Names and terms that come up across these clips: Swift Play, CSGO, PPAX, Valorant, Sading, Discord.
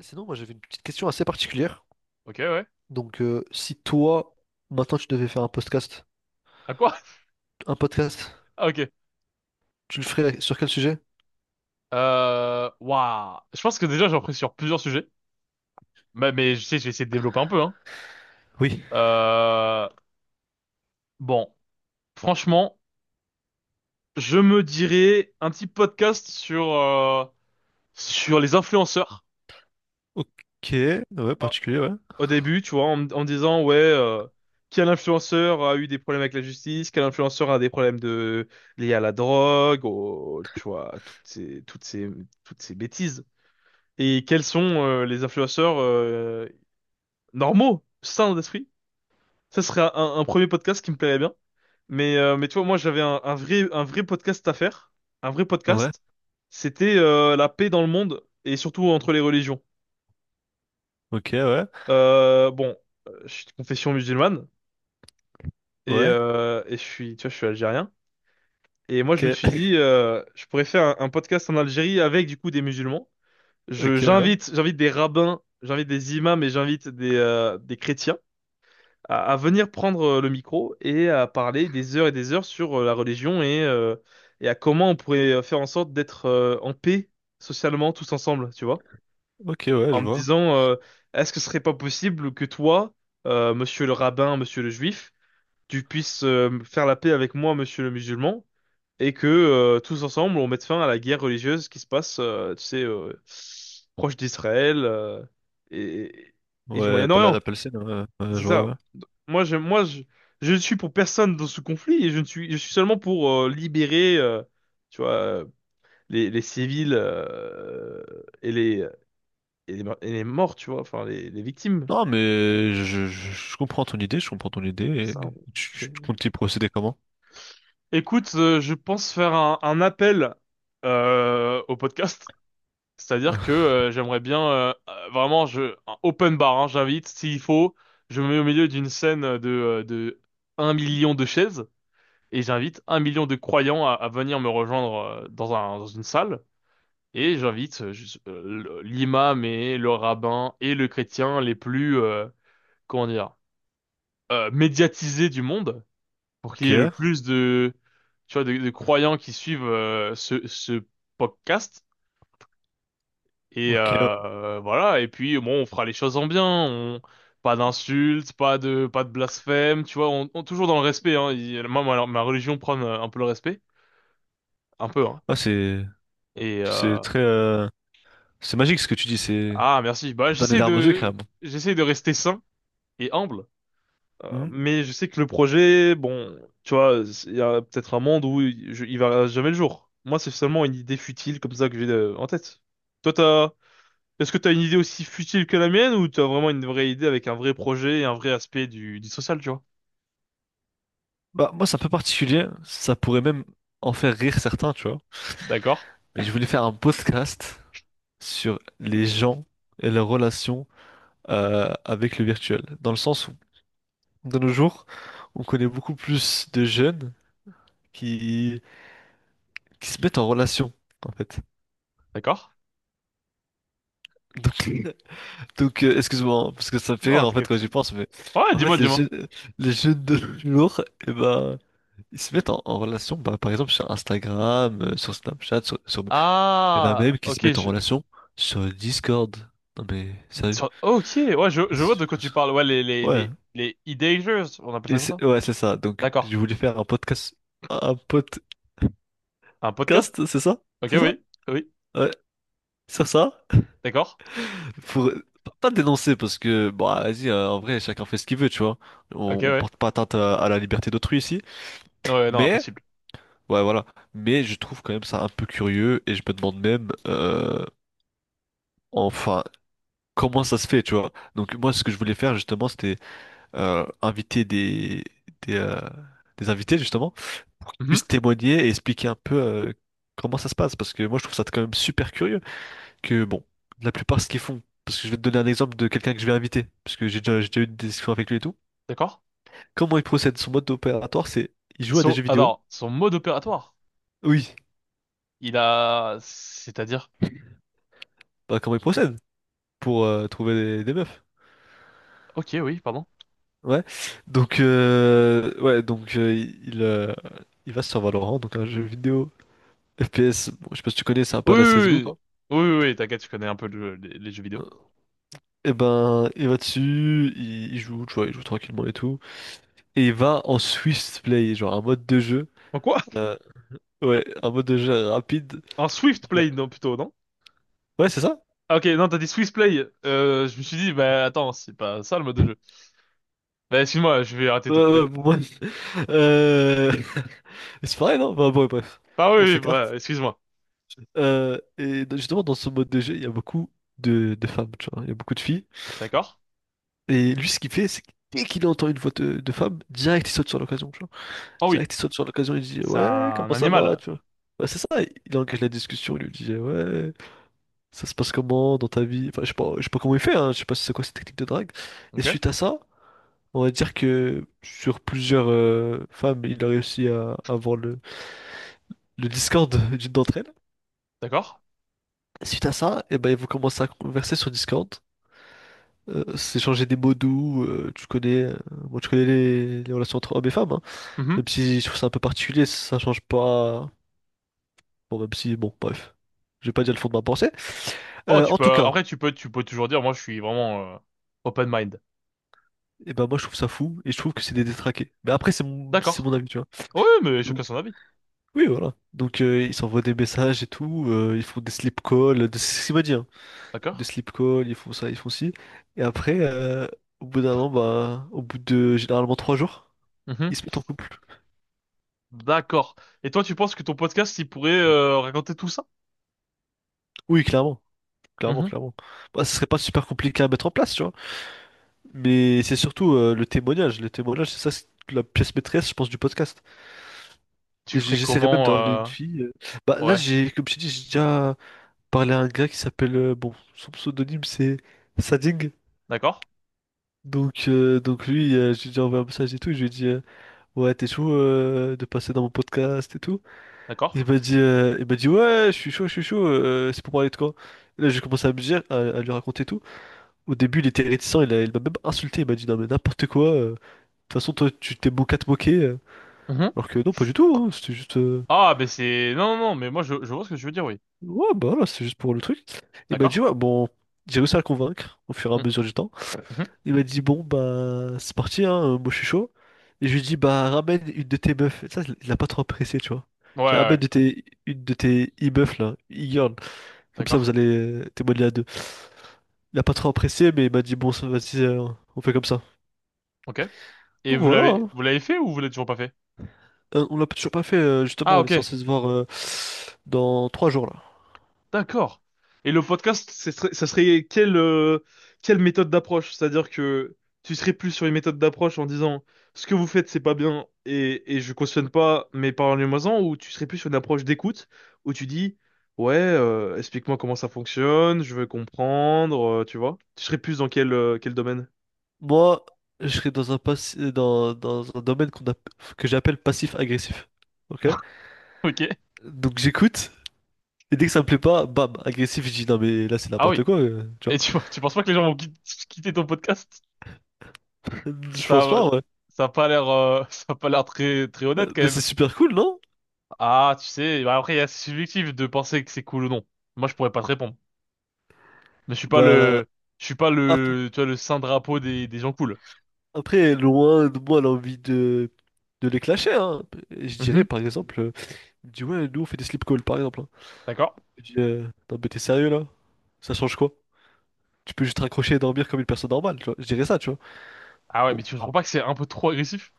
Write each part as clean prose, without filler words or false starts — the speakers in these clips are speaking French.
Sinon, moi j'avais une petite question assez particulière. Ok, ouais. Donc, si toi, maintenant tu devais faire À quoi? un podcast, Ah, ok. tu le ferais sur quel sujet? Waouh. Je pense que déjà, j'ai appris sur plusieurs sujets. Mais je sais, je vais essayer de développer un peu, hein. Oui. Euh, bon. Franchement, je me dirais un petit podcast sur les influenceurs Ok. Ouais, particulier, ouais. au début, tu vois, en me disant, ouais, quel influenceur a eu des problèmes avec la justice, quel influenceur a des problèmes liés à la drogue, tu vois, toutes ces bêtises. Et quels sont les influenceurs normaux, sains d'esprit. Ça serait un premier podcast qui me plairait bien. Mais tu vois, moi, j'avais un vrai podcast à faire. Un vrai Ouais. podcast. C'était la paix dans le monde et surtout entre les religions. Ok, ouais. Bon, je suis de confession musulmane et, Ouais. euh, et je suis, tu vois, je suis algérien. Et moi, Ok. je me suis dit, je pourrais faire un podcast en Algérie avec, du coup, des musulmans. Ok, Je, ouais. j'invite, j'invite des rabbins, j'invite des imams et j'invite des chrétiens. À venir prendre le micro et à parler des heures et des heures sur la religion et à comment on pourrait faire en sorte d'être en paix socialement tous ensemble, tu vois? Ok, ouais, je En me vois. disant, est-ce que ce serait pas possible que toi, monsieur le rabbin, monsieur le juif, tu puisses faire la paix avec moi, monsieur le musulman, et que tous ensemble, on mette fin à la guerre religieuse qui se passe, tu sais, proche d'Israël et, et du Ouais, pas la Moyen-Orient. Palestine, ouais, ouais, C'est je vois, ça. ouais. Moi, je, moi, je, je ne suis pour personne dans ce conflit et je ne suis, je suis seulement pour libérer, tu vois, les civils et les, et les morts, tu vois, enfin, les victimes. Non, mais je comprends ton idée, je comprends ton idée. Et Ça, on- j'ai- tu comptes y procéder comment? Écoute, je pense faire un appel au podcast. C'est-à-dire que j'aimerais bien, vraiment, un open bar, hein, j'invite, s'il faut, je me mets au milieu d'une scène de 1 million de chaises. Et j'invite 1 million de croyants à venir me rejoindre dans une salle. Et j'invite juste, l'imam et le rabbin et le chrétien les plus, comment dire, médiatisés du monde pour qu'il Ok, y ait le plus de, tu vois, de croyants qui suivent ce podcast. Et ok, ouais. Voilà. Et puis, bon, on fera les choses en bien. On. Pas d'insultes, pas de blasphème, tu vois, toujours dans le respect. Hein. Moi, ma religion prône un peu le respect, un peu, hein. Ah, c'est, Et, c'est euh, très, c'est magique ce que tu dis, c'est Ah, merci. Bah, dans les j'essaie larmes aux yeux, de, carrément. j'essaie de rester sain et humble, mais je sais que le projet, bon, tu vois, il y a peut-être un monde où il verra jamais le jour. Moi, c'est seulement une idée futile comme ça que j'ai en tête. Toi, t'as, Est-ce que t'as une idée aussi futile que la mienne ou t'as vraiment une vraie idée avec un vrai projet et un vrai aspect du social, tu vois? Bah, moi, c'est un peu particulier. Ça pourrait même en faire rire certains, tu vois. D'accord, Mais je voulais faire un podcast sur les gens et leurs relations avec le virtuel. Dans le sens où, de nos jours, on connaît beaucoup plus de jeunes qui, qui se mettent en relation, en fait. d'accord. Donc, excuse-moi, hein, parce que ça me fait Non, rire, en fait, quand t'inquiète. j'y pense, mais Ouais, en fait, dis-moi, les dis-moi. jeunes, les jeunes de nos jours, eh ben, ils se mettent en relation, bah, par exemple, sur Instagram, sur Snapchat, sur, sur il y en a Ah, même qui se ok, mettent en relation sur Discord. Non mais sérieux. Ok, ouais, je vois C'est- de quoi tu parles. Ouais, les, les, Ouais. les, les idées, on appelle ça Et comme ça. Ouais, c'est ça. Donc D'accord. j'ai voulu faire un podcast. Un podcast, Un podcast? c'est ça? Ok, C'est ça? oui, oui, Ouais. Sur ça. d'accord. Pour pas dénoncer parce que bah vas-y, en vrai, chacun fait ce qu'il veut, tu vois. Ok, On ouais. porte pas atteinte à la liberté d'autrui ici. Non, ouais, non, Mais impossible. ouais voilà. Mais je trouve quand même ça un peu curieux et je me demande même enfin comment ça se fait, tu vois. Donc moi ce que je voulais faire justement c'était inviter des, euh, des invités justement pour qu'ils Mhm. puissent témoigner et expliquer un peu comment ça se passe. Parce que moi, je trouve ça quand même super curieux que, bon, la plupart, ce qu'ils font, parce que je vais te donner un exemple de quelqu'un que je vais inviter, parce que j'ai déjà eu des discussions avec lui et tout. D'accord. Comment il procède? Son mode opératoire, c'est il joue à des jeux vidéo. Alors, son mode opératoire, Oui. C'est-à-dire, Bah, comment il procède pour trouver des meufs? ok, oui, pardon. Ouais. Donc, ouais, il va sur Valorant, donc un jeu vidéo FPS. Bon, je sais pas si tu connais, c'est un Oui, peu à la CSGO, oui, quoi. oui, oui, oui, t'inquiète, je connais un peu les jeux vidéo. Euh, Et ben, il va dessus, il joue, tu vois, il joue tranquillement et tout. Et il va en Swift Play, genre un mode de jeu. En quoi? euh, ouais, un mode de jeu rapide. En Swift Il y a- Play, non, plutôt, non? Ouais, c'est ça? Ah, ok, non, t'as dit Swift Play. Je me suis dit, bah attends, c'est pas ça le mode de jeu. Bah excuse-moi, je vais arrêter de Ouais, te ouais, couper. ouais, pour moi. Euh, C'est pareil, non? Enfin, bon, ouais, bref, Ah on oui, oui, bah, s'écarte. excuse-moi. Et justement, dans ce mode de jeu, il y a beaucoup de femmes, tu vois. Il y a beaucoup de filles. D'accord. Et lui, ce qu'il fait, c'est que dès qu'il entend une voix de femme, direct, il saute sur l'occasion, tu vois. Oh oui, Direct, il saute sur l'occasion, il dit c'est «Ouais, un comment ça va?» animal. tu vois. Ouais, c'est ça, il engage la discussion, il lui dit «Ouais, ça se passe comment dans ta vie?» Enfin, je sais pas comment il fait, hein, je sais pas si c'est quoi cette technique de drague. Et Ok, suite à ça, on va dire que sur plusieurs femmes, il a réussi à avoir le Discord d'une d'entre elles. d'accord. Suite à ça, eh ben, ils vont commencer à converser sur Discord, s'échanger des mots doux, tu connais, bon, tu connais les relations entre hommes et femmes, hein. Même si je trouve ça un peu particulier, ça change pas. Bon, même si, bon, bref, je vais pas dire le fond de ma pensée. Oh, Euh, tu en tout peux, cas, après, tu peux toujours dire, moi, je suis vraiment open mind. et ben moi je trouve ça fou et je trouve que c'est des détraqués. Mais après, c'est mon, c'est D'accord. mon avis, tu vois. Oui, oui, mais Donc, chacun son avis. oui, voilà. Donc, ils s'envoient des messages et tout, ils font des slip calls, de... c'est ce qu'il m'a dit, hein. Des D'accord. slip calls, ils font ça, ils font ci. Et après, au bout d'un moment, bah, au bout de généralement 3 jours, ils Mhm. se mettent en couple. D'accord. Et toi, tu penses que ton podcast, il pourrait raconter tout ça? Oui, clairement. Clairement, Mhm. clairement. Bah, ce serait pas super compliqué à mettre en place, tu vois. Mais c'est surtout le témoignage. Le témoignage, c'est ça, c'est la pièce maîtresse, je pense, du podcast. Tu ferais J'essaierai même de comment ramener euh, une fille. Bah là, Ouais. j'ai, comme je t'ai dit, j'ai déjà parlé à un gars qui s'appelle, bon, son pseudonyme c'est Sading. D'accord. Donc lui, j'ai déjà envoyé un message et tout. Et je lui ai dit, ouais, t'es chaud de passer dans mon podcast et tout. Il D'accord. m'a dit, euh, il m'a dit, ouais, je suis chaud, je suis chaud. C'est pour parler de quoi? Et là, j'ai commencé à me dire, à lui raconter tout. Au début, il était réticent. Il m'a même insulté. Il m'a dit, non mais n'importe quoi. De toute façon, toi, tu t'es moqué à te moquer. Mhm. Alors que non, pas du tout, hein. C'était juste. Ah, ben c'est. Non, non, non, mais moi, je vois ce que tu veux dire, oui. Ouais, bah voilà, c'est juste pour le truc. Il m'a dit, D'accord. ouais, bon, j'ai réussi à le convaincre au fur et à Mm. mesure du temps. Mhm. Il m'a dit, bon, bah, c'est parti, hein, moi je suis chaud. Et je lui ai dit, bah, ramène une de tes meufs. Et ça, il l'a pas trop apprécié, tu vois. Ouais, ouais, J'ai dit, ramène ouais. de tes, une de tes e-meufs, là, e comme ça, D'accord. vous allez témoigner à deux. Il a pas trop apprécié, mais il m'a dit, bon, ça, vas-y, on fait comme ça. Ok. Et Donc vous voilà, l'avez, hein. vous l'avez fait ou vous l'avez toujours pas fait? On l'a toujours pas fait, Ah, justement, on est ok. censé se voir dans 3 jours, là. D'accord. Et le podcast, ça serait quelle méthode d'approche? C'est-à-dire que tu serais plus sur une méthode d'approche en disant ce que vous faites, c'est pas bien et je cautionne pas, mais parlez-moi-en, ou tu serais plus sur une approche d'écoute où tu dis ouais, explique-moi comment ça fonctionne, je veux comprendre, tu vois? Tu serais plus dans quel domaine? Moi, je serais dans un domaine que j'appelle passif-agressif. Ok? Ok. Donc j'écoute, et dès que ça me plaît pas, bam, agressif, je dis non mais là c'est Ah n'importe oui. quoi, tu Et vois. tu penses pas que les gens vont quitter ton podcast? Je pense Ça, pas, ouais. ça a pas l'air, ça a pas l'air très, très honnête quand Mais même. c'est super cool, non? Ah, tu sais, bah après, c'est subjectif de penser que c'est cool ou non. Moi, je pourrais pas te répondre. Mais je suis pas Bah, le, je suis pas ap- le, tu vois, le saint drapeau des gens cool. après, loin de moi l'envie de les clasher, hein. Et je dirais Mhm. par exemple, il me dit ouais, nous on fait des sleep calls par exemple, hein. D'accord. Je dis non mais t'es sérieux là? Ça change quoi? Tu peux juste raccrocher et dormir comme une personne normale, tu vois. Je dirais ça, tu vois. Ah ouais, Bon. mais tu trouves pas que c'est un peu trop agressif?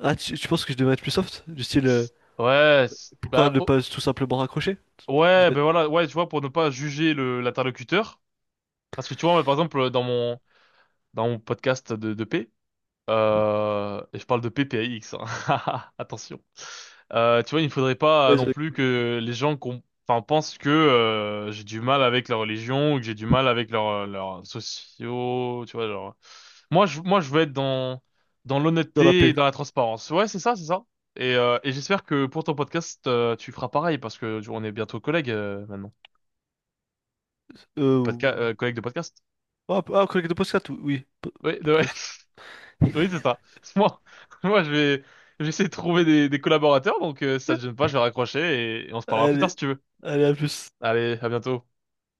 Ah, tu penses que je devrais être plus soft? Du style, Ouais, pourquoi bah, ne oh, pas tout simplement raccrocher? Je ouais, dirais, ben voilà, ouais, tu vois, pour ne pas juger l'interlocuteur. Parce que tu vois, moi, par exemple, dans mon podcast de paix. Et je parle de PPAX, hein. Attention. Tu vois, il ne faudrait pas vas-y, non plus que les gens enfin, pensent que j'ai du mal avec la religion ou que j'ai du mal avec leurs sociaux, tu vois, genre. Moi, je veux être dans dans la l'honnêteté et paix. dans la transparence. Ouais, c'est ça, c'est ça. Et j'espère que pour ton podcast, tu feras pareil parce que tu vois, on est bientôt collègues maintenant. Euh, Collègues de podcast. ah, collègue de podcast, oui. Oui, Podcast. Oui, c'est ça. Moi, moi, je vais, je vais essayer de trouver des collaborateurs, donc si ça te gêne pas, je vais raccrocher et on se parlera plus tard Allez, si tu veux. allez, à plus. Allez, à bientôt.